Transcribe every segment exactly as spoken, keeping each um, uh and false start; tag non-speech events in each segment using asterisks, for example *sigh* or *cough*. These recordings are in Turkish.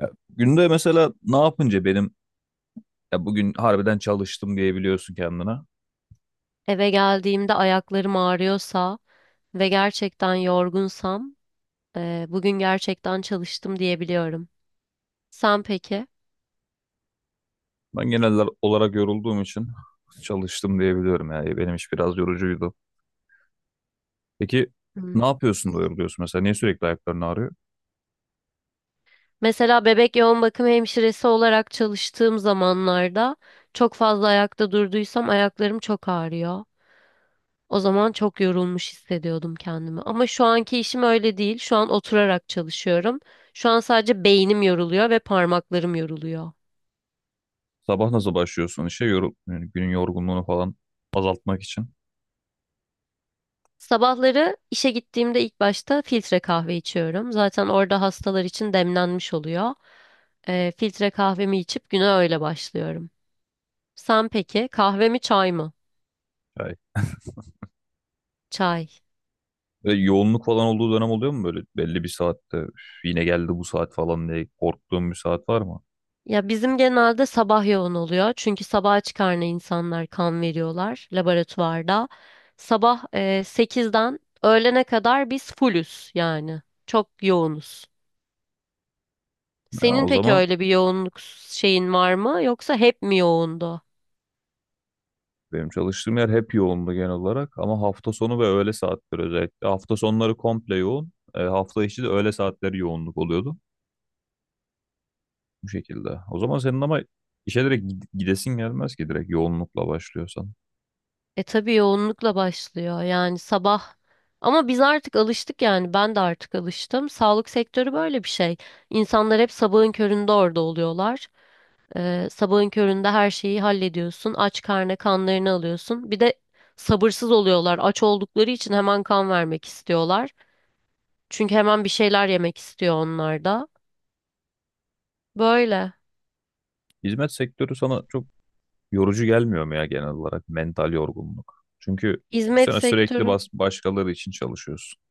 Ya, günde mesela ne yapınca benim ya bugün harbiden çalıştım diyebiliyorsun kendine. Eve geldiğimde ayaklarım ağrıyorsa ve gerçekten yorgunsam, eee, bugün gerçekten çalıştım diyebiliyorum. Sen peki? Ben genel olarak yorulduğum için *laughs* çalıştım diyebiliyorum ya. Benim iş biraz yorucuydu. Peki Hmm. ne yapıyorsun da yoruluyorsun mesela? Niye sürekli ayakların ağrıyor? Mesela bebek yoğun bakım hemşiresi olarak çalıştığım zamanlarda çok fazla ayakta durduysam ayaklarım çok ağrıyor. O zaman çok yorulmuş hissediyordum kendimi. Ama şu anki işim öyle değil. Şu an oturarak çalışıyorum. Şu an sadece beynim yoruluyor ve parmaklarım yoruluyor. Sabah nasıl başlıyorsun işe? Yorul yani günün yorgunluğunu falan azaltmak için. Sabahları işe gittiğimde ilk başta filtre kahve içiyorum. Zaten orada hastalar için demlenmiş oluyor. Ee, filtre kahvemi içip güne öyle başlıyorum. Sen peki kahve mi çay mı? Yani Çay. ve yoğunluk falan olduğu dönem oluyor mu böyle belli bir saatte "Üf, yine geldi bu saat falan diye korktuğum bir saat var mı? Ya bizim genelde sabah yoğun oluyor. Çünkü sabaha çıkarına insanlar kan veriyorlar laboratuvarda. Sabah e, sekizden öğlene kadar biz fullüz yani. Çok yoğunuz. Ya Senin o peki zaman öyle bir yoğunluk şeyin var mı yoksa hep mi yoğundu? benim çalıştığım yer hep yoğundu genel olarak ama hafta sonu ve öğle saatleri özellikle. Hafta sonları komple yoğun. E, hafta içi de öğle saatleri yoğunluk oluyordu bu şekilde. O zaman senin ama işe direkt gid- gidesin gelmez ki direkt yoğunlukla başlıyorsan. E tabii yoğunlukla başlıyor yani sabah ama biz artık alıştık yani ben de artık alıştım. Sağlık sektörü böyle bir şey. İnsanlar hep sabahın köründe orada oluyorlar. Ee, sabahın köründe her şeyi hallediyorsun. Aç karnına kanlarını alıyorsun. Bir de sabırsız oluyorlar. Aç oldukları için hemen kan vermek istiyorlar. Çünkü hemen bir şeyler yemek istiyor onlar da. Böyle. Hizmet sektörü sana çok yorucu gelmiyor mu ya genel olarak mental yorgunluk? Çünkü bu Hizmet sene sürekli sektörü. bas başkaları için çalışıyorsun.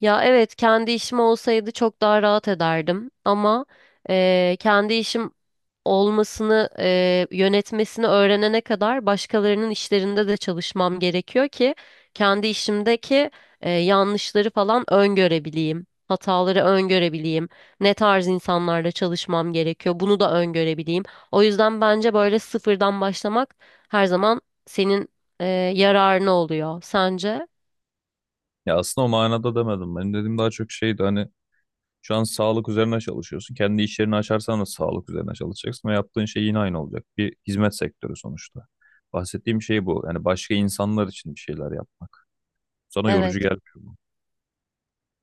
Ya evet, kendi işim olsaydı çok daha rahat ederdim ama eee, kendi işim olmasını, e, yönetmesini öğrenene kadar başkalarının işlerinde de çalışmam gerekiyor ki kendi işimdeki e, yanlışları falan öngörebileyim. Hataları öngörebileyim. Ne tarz insanlarla çalışmam gerekiyor. Bunu da öngörebileyim. O yüzden bence böyle sıfırdan başlamak her zaman senin e, yararına oluyor. Sence? Ya aslında o manada demedim. Benim dediğim daha çok şeydi hani şu an sağlık üzerine çalışıyorsun. Kendi iş yerini açarsan da sağlık üzerine çalışacaksın ve yaptığın şey yine aynı olacak. Bir hizmet sektörü sonuçta. Bahsettiğim şey bu. Yani başka insanlar için bir şeyler yapmak. Sana yorucu Evet. gelmiyor bu.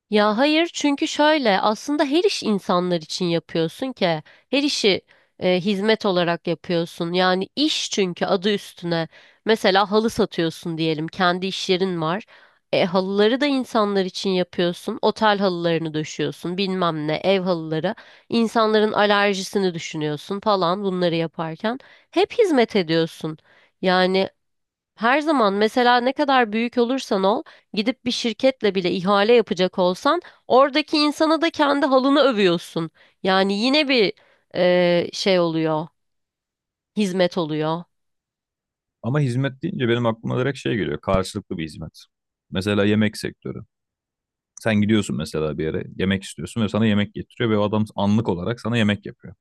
Ya hayır, çünkü şöyle, aslında her iş insanlar için yapıyorsun ki her işi e, hizmet olarak yapıyorsun. Yani iş, çünkü adı üstüne. Mesela halı satıyorsun diyelim, kendi iş yerin var, e, halıları da insanlar için yapıyorsun, otel halılarını döşüyorsun, bilmem ne, ev halıları, insanların alerjisini düşünüyorsun falan. Bunları yaparken hep hizmet ediyorsun yani. Her zaman, mesela ne kadar büyük olursan ol, gidip bir şirketle bile ihale yapacak olsan, oradaki insana da kendi halını övüyorsun. Yani yine bir e, şey oluyor, hizmet oluyor. Ama hizmet deyince benim aklıma direkt şey geliyor. Karşılıklı bir hizmet. Mesela yemek sektörü. Sen gidiyorsun mesela bir yere yemek istiyorsun ve sana yemek getiriyor ve o adam anlık olarak sana yemek yapıyor.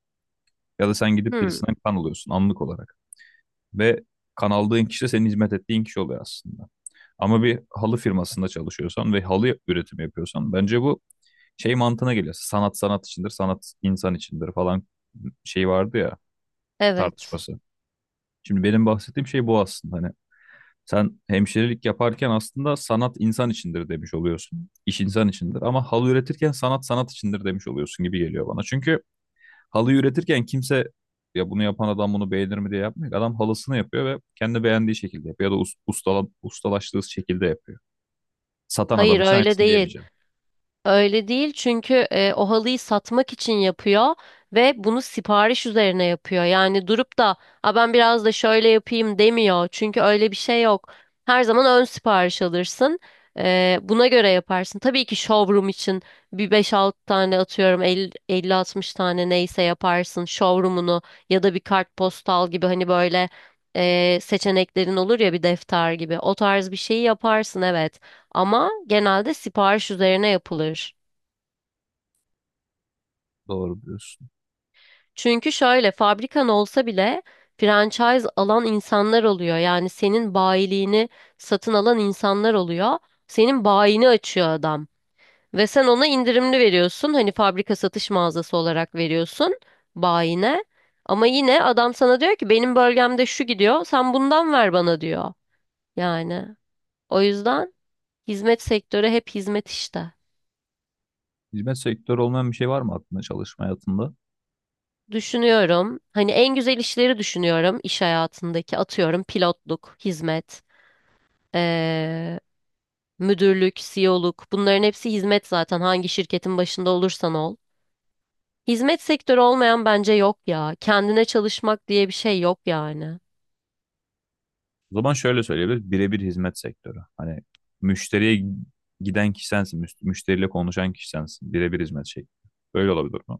Ya da sen gidip Hmm, birisinden kan alıyorsun anlık olarak. Ve kanaldığın kişi de senin hizmet ettiğin kişi oluyor aslında. Ama bir halı firmasında çalışıyorsan ve halı üretimi yapıyorsan bence bu şey mantığına geliyor. Sanat sanat içindir, sanat insan içindir falan şey vardı ya evet. tartışması. Şimdi benim bahsettiğim şey bu aslında. Hani sen hemşirelik yaparken aslında sanat insan içindir demiş oluyorsun. İş insan içindir ama halı üretirken sanat sanat içindir demiş oluyorsun gibi geliyor bana. Çünkü halıyı üretirken kimse ya bunu yapan adam bunu beğenir mi diye yapmıyor. Adam halısını yapıyor ve kendi beğendiği şekilde yapıyor ya da us- ustala, ustalaştığı şekilde yapıyor. Satan adam Hayır, için öyle aynısını değil. diyemeyeceğim. Öyle değil, çünkü e, o halıyı satmak için yapıyor ve bunu sipariş üzerine yapıyor. Yani durup da "A, ben biraz da şöyle yapayım" demiyor. Çünkü öyle bir şey yok. Her zaman ön sipariş alırsın. E, buna göre yaparsın. Tabii ki showroom için bir beş altı tane, atıyorum elli altmış tane, neyse yaparsın showroom'unu, ya da bir kartpostal gibi, hani böyle e, seçeneklerin olur ya, bir defter gibi. O tarz bir şeyi yaparsın, evet. Ama genelde sipariş üzerine yapılır. Doğru diyorsun. Çünkü şöyle, fabrikan olsa bile franchise alan insanlar oluyor. Yani senin bayiliğini satın alan insanlar oluyor. Senin bayini açıyor adam. Ve sen ona indirimli veriyorsun. Hani fabrika satış mağazası olarak veriyorsun bayine. Ama yine adam sana diyor ki benim bölgemde şu gidiyor. Sen bundan ver bana diyor. Yani o yüzden hizmet sektörü hep hizmet işte. Hizmet sektörü olmayan bir şey var mı aklında çalışma hayatında? Düşünüyorum. Hani en güzel işleri düşünüyorum iş hayatındaki. Atıyorum pilotluk, hizmet, eee, müdürlük, C E O'luk. Bunların hepsi hizmet zaten, hangi şirketin başında olursan ol. Hizmet sektörü olmayan bence yok ya. Kendine çalışmak diye bir şey yok yani. O zaman şöyle söyleyebiliriz. Birebir hizmet sektörü. Hani müşteriye giden kişi sensin. müş- Müşteriyle konuşan kişi sensin. Birebir hizmet şekli. Böyle olabilir mi?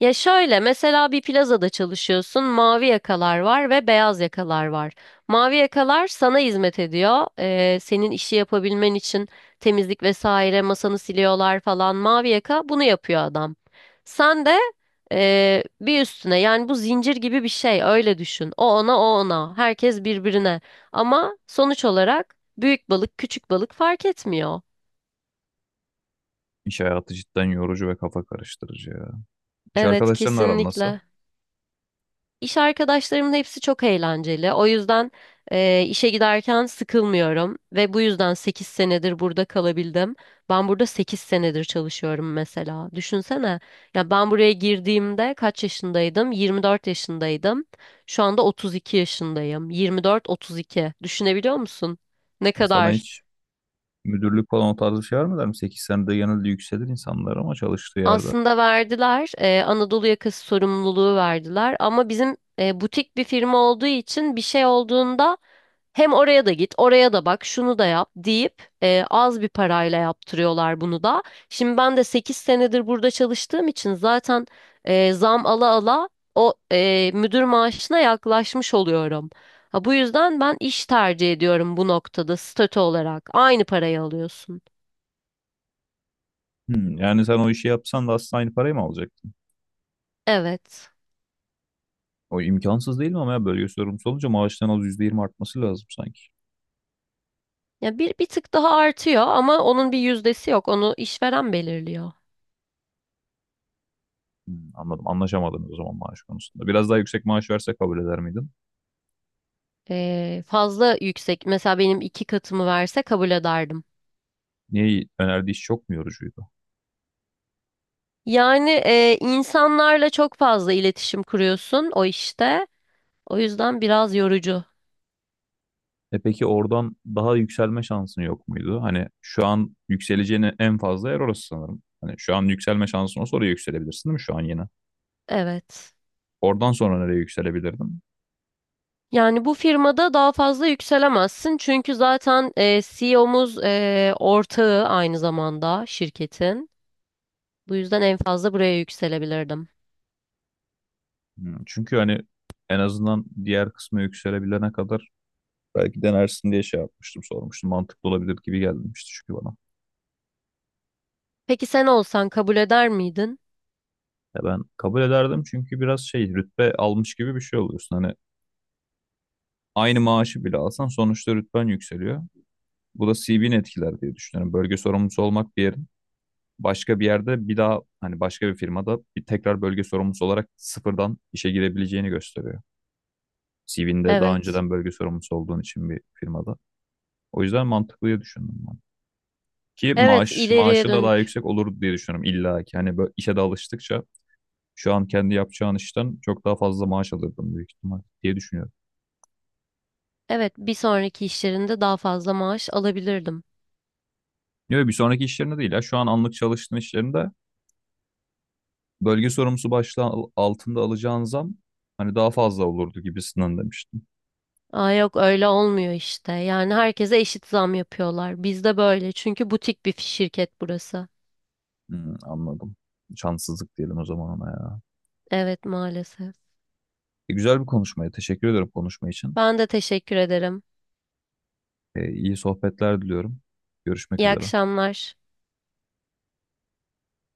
Ya şöyle, mesela bir plazada çalışıyorsun, mavi yakalar var ve beyaz yakalar var. Mavi yakalar sana hizmet ediyor. Ee, senin işi yapabilmen için temizlik vesaire, masanı siliyorlar falan. Mavi yaka bunu yapıyor adam. Sen de ee, bir üstüne, yani bu zincir gibi bir şey, öyle düşün. O ona, o ona, herkes birbirine, ama sonuç olarak büyük balık küçük balık fark etmiyor. İş hayatı cidden yorucu ve kafa karıştırıcı ya. İş Evet, arkadaşlarınla aran nasıl? kesinlikle. İş arkadaşlarımın hepsi çok eğlenceli. O yüzden eee, işe giderken sıkılmıyorum ve bu yüzden sekiz senedir burada kalabildim. Ben burada sekiz senedir çalışıyorum mesela. Düşünsene. Ya ben buraya girdiğimde kaç yaşındaydım? Yirmi dört yaşındaydım. Şu anda otuz iki yaşındayım. Yirmi dört, otuz iki. Düşünebiliyor musun? Ne E, Sana kadar? hiç müdürlük falan o tarz bir şey var der mi? Sekiz senede genelde yükselir insanlar ama çalıştığı yerde. Aslında verdiler, eee, Anadolu yakası sorumluluğu verdiler, ama bizim eee, butik bir firma olduğu için bir şey olduğunda hem oraya da git, oraya da bak, şunu da yap deyip e, az bir parayla yaptırıyorlar bunu da. Şimdi ben de sekiz senedir burada çalıştığım için zaten e, zam ala ala o e, müdür maaşına yaklaşmış oluyorum. Ha, bu yüzden ben iş tercih ediyorum bu noktada, statü olarak. Aynı parayı alıyorsun. Hmm, yani sen o işi yapsan da aslında aynı parayı mı alacaktın? Evet. O imkansız değil mi ama ya bölge sorumlusu olunca maaştan az yüzde yirmi artması lazım sanki. Ya bir bir tık daha artıyor ama onun bir yüzdesi yok. Onu işveren belirliyor. Hmm, anladım. Anlaşamadınız o zaman maaş konusunda. Biraz daha yüksek maaş verse kabul eder miydin? E, fazla yüksek. Mesela benim iki katımı verse kabul ederdim. Niye önerdiği iş çok mu yorucuydu? Yani e, insanlarla çok fazla iletişim kuruyorsun o işte. O yüzden biraz yorucu. E peki oradan daha yükselme şansın yok muydu? Hani şu an yükseleceğin en fazla yer orası sanırım. Hani şu an yükselme şansın olsa oraya yükselebilirsin değil mi şu an yine? Evet. Oradan sonra nereye yükselebilirdin? Yani bu firmada daha fazla yükselemezsin, çünkü zaten e, C E O'muz e, O'muz e, ortağı aynı zamanda şirketin. Bu yüzden en fazla buraya yükselebilirdim. Hmm, çünkü hani en azından diğer kısmı yükselebilene kadar belki denersin diye şey yapmıştım, sormuştum. Mantıklı olabilir gibi gelmişti çünkü bana. Peki sen olsan kabul eder miydin? Ya ben kabul ederdim çünkü biraz şey rütbe almış gibi bir şey oluyorsun. Hani aynı maaşı bile alsan sonuçta rütben yükseliyor. Bu da C V'ni etkiler diye düşünüyorum. Bölge sorumlusu olmak bir yerin. Başka bir yerde bir daha hani başka bir firmada bir tekrar bölge sorumlusu olarak sıfırdan işe girebileceğini gösteriyor. C V'nde daha Evet. önceden bölge sorumlusu olduğun için bir firmada. O yüzden mantıklı diye düşündüm. Ki Evet, maaş ileriye maaşı da daha dönük. yüksek olur diye düşünüyorum illa ki. Hani böyle işe de alıştıkça şu an kendi yapacağın işten çok daha fazla maaş alırdım büyük ihtimal diye düşünüyorum. Evet, bir sonraki işlerinde daha fazla maaş alabilirdim. Yok bir sonraki işlerinde değil ya. Şu an anlık çalıştığın işlerinde bölge sorumlusu başlığı al- altında alacağın zam hani daha fazla olurdu gibisinden demiştim. Aa, yok, öyle olmuyor işte. Yani herkese eşit zam yapıyorlar. Bizde böyle. Çünkü butik bir şirket burası. Hmm, anladım. Şanssızlık diyelim o zaman ona ya. Evet, maalesef. E, güzel bir konuşmaydı. Teşekkür ederim konuşma için. Ben de teşekkür ederim. E, iyi sohbetler diliyorum. Görüşmek İyi üzere. akşamlar.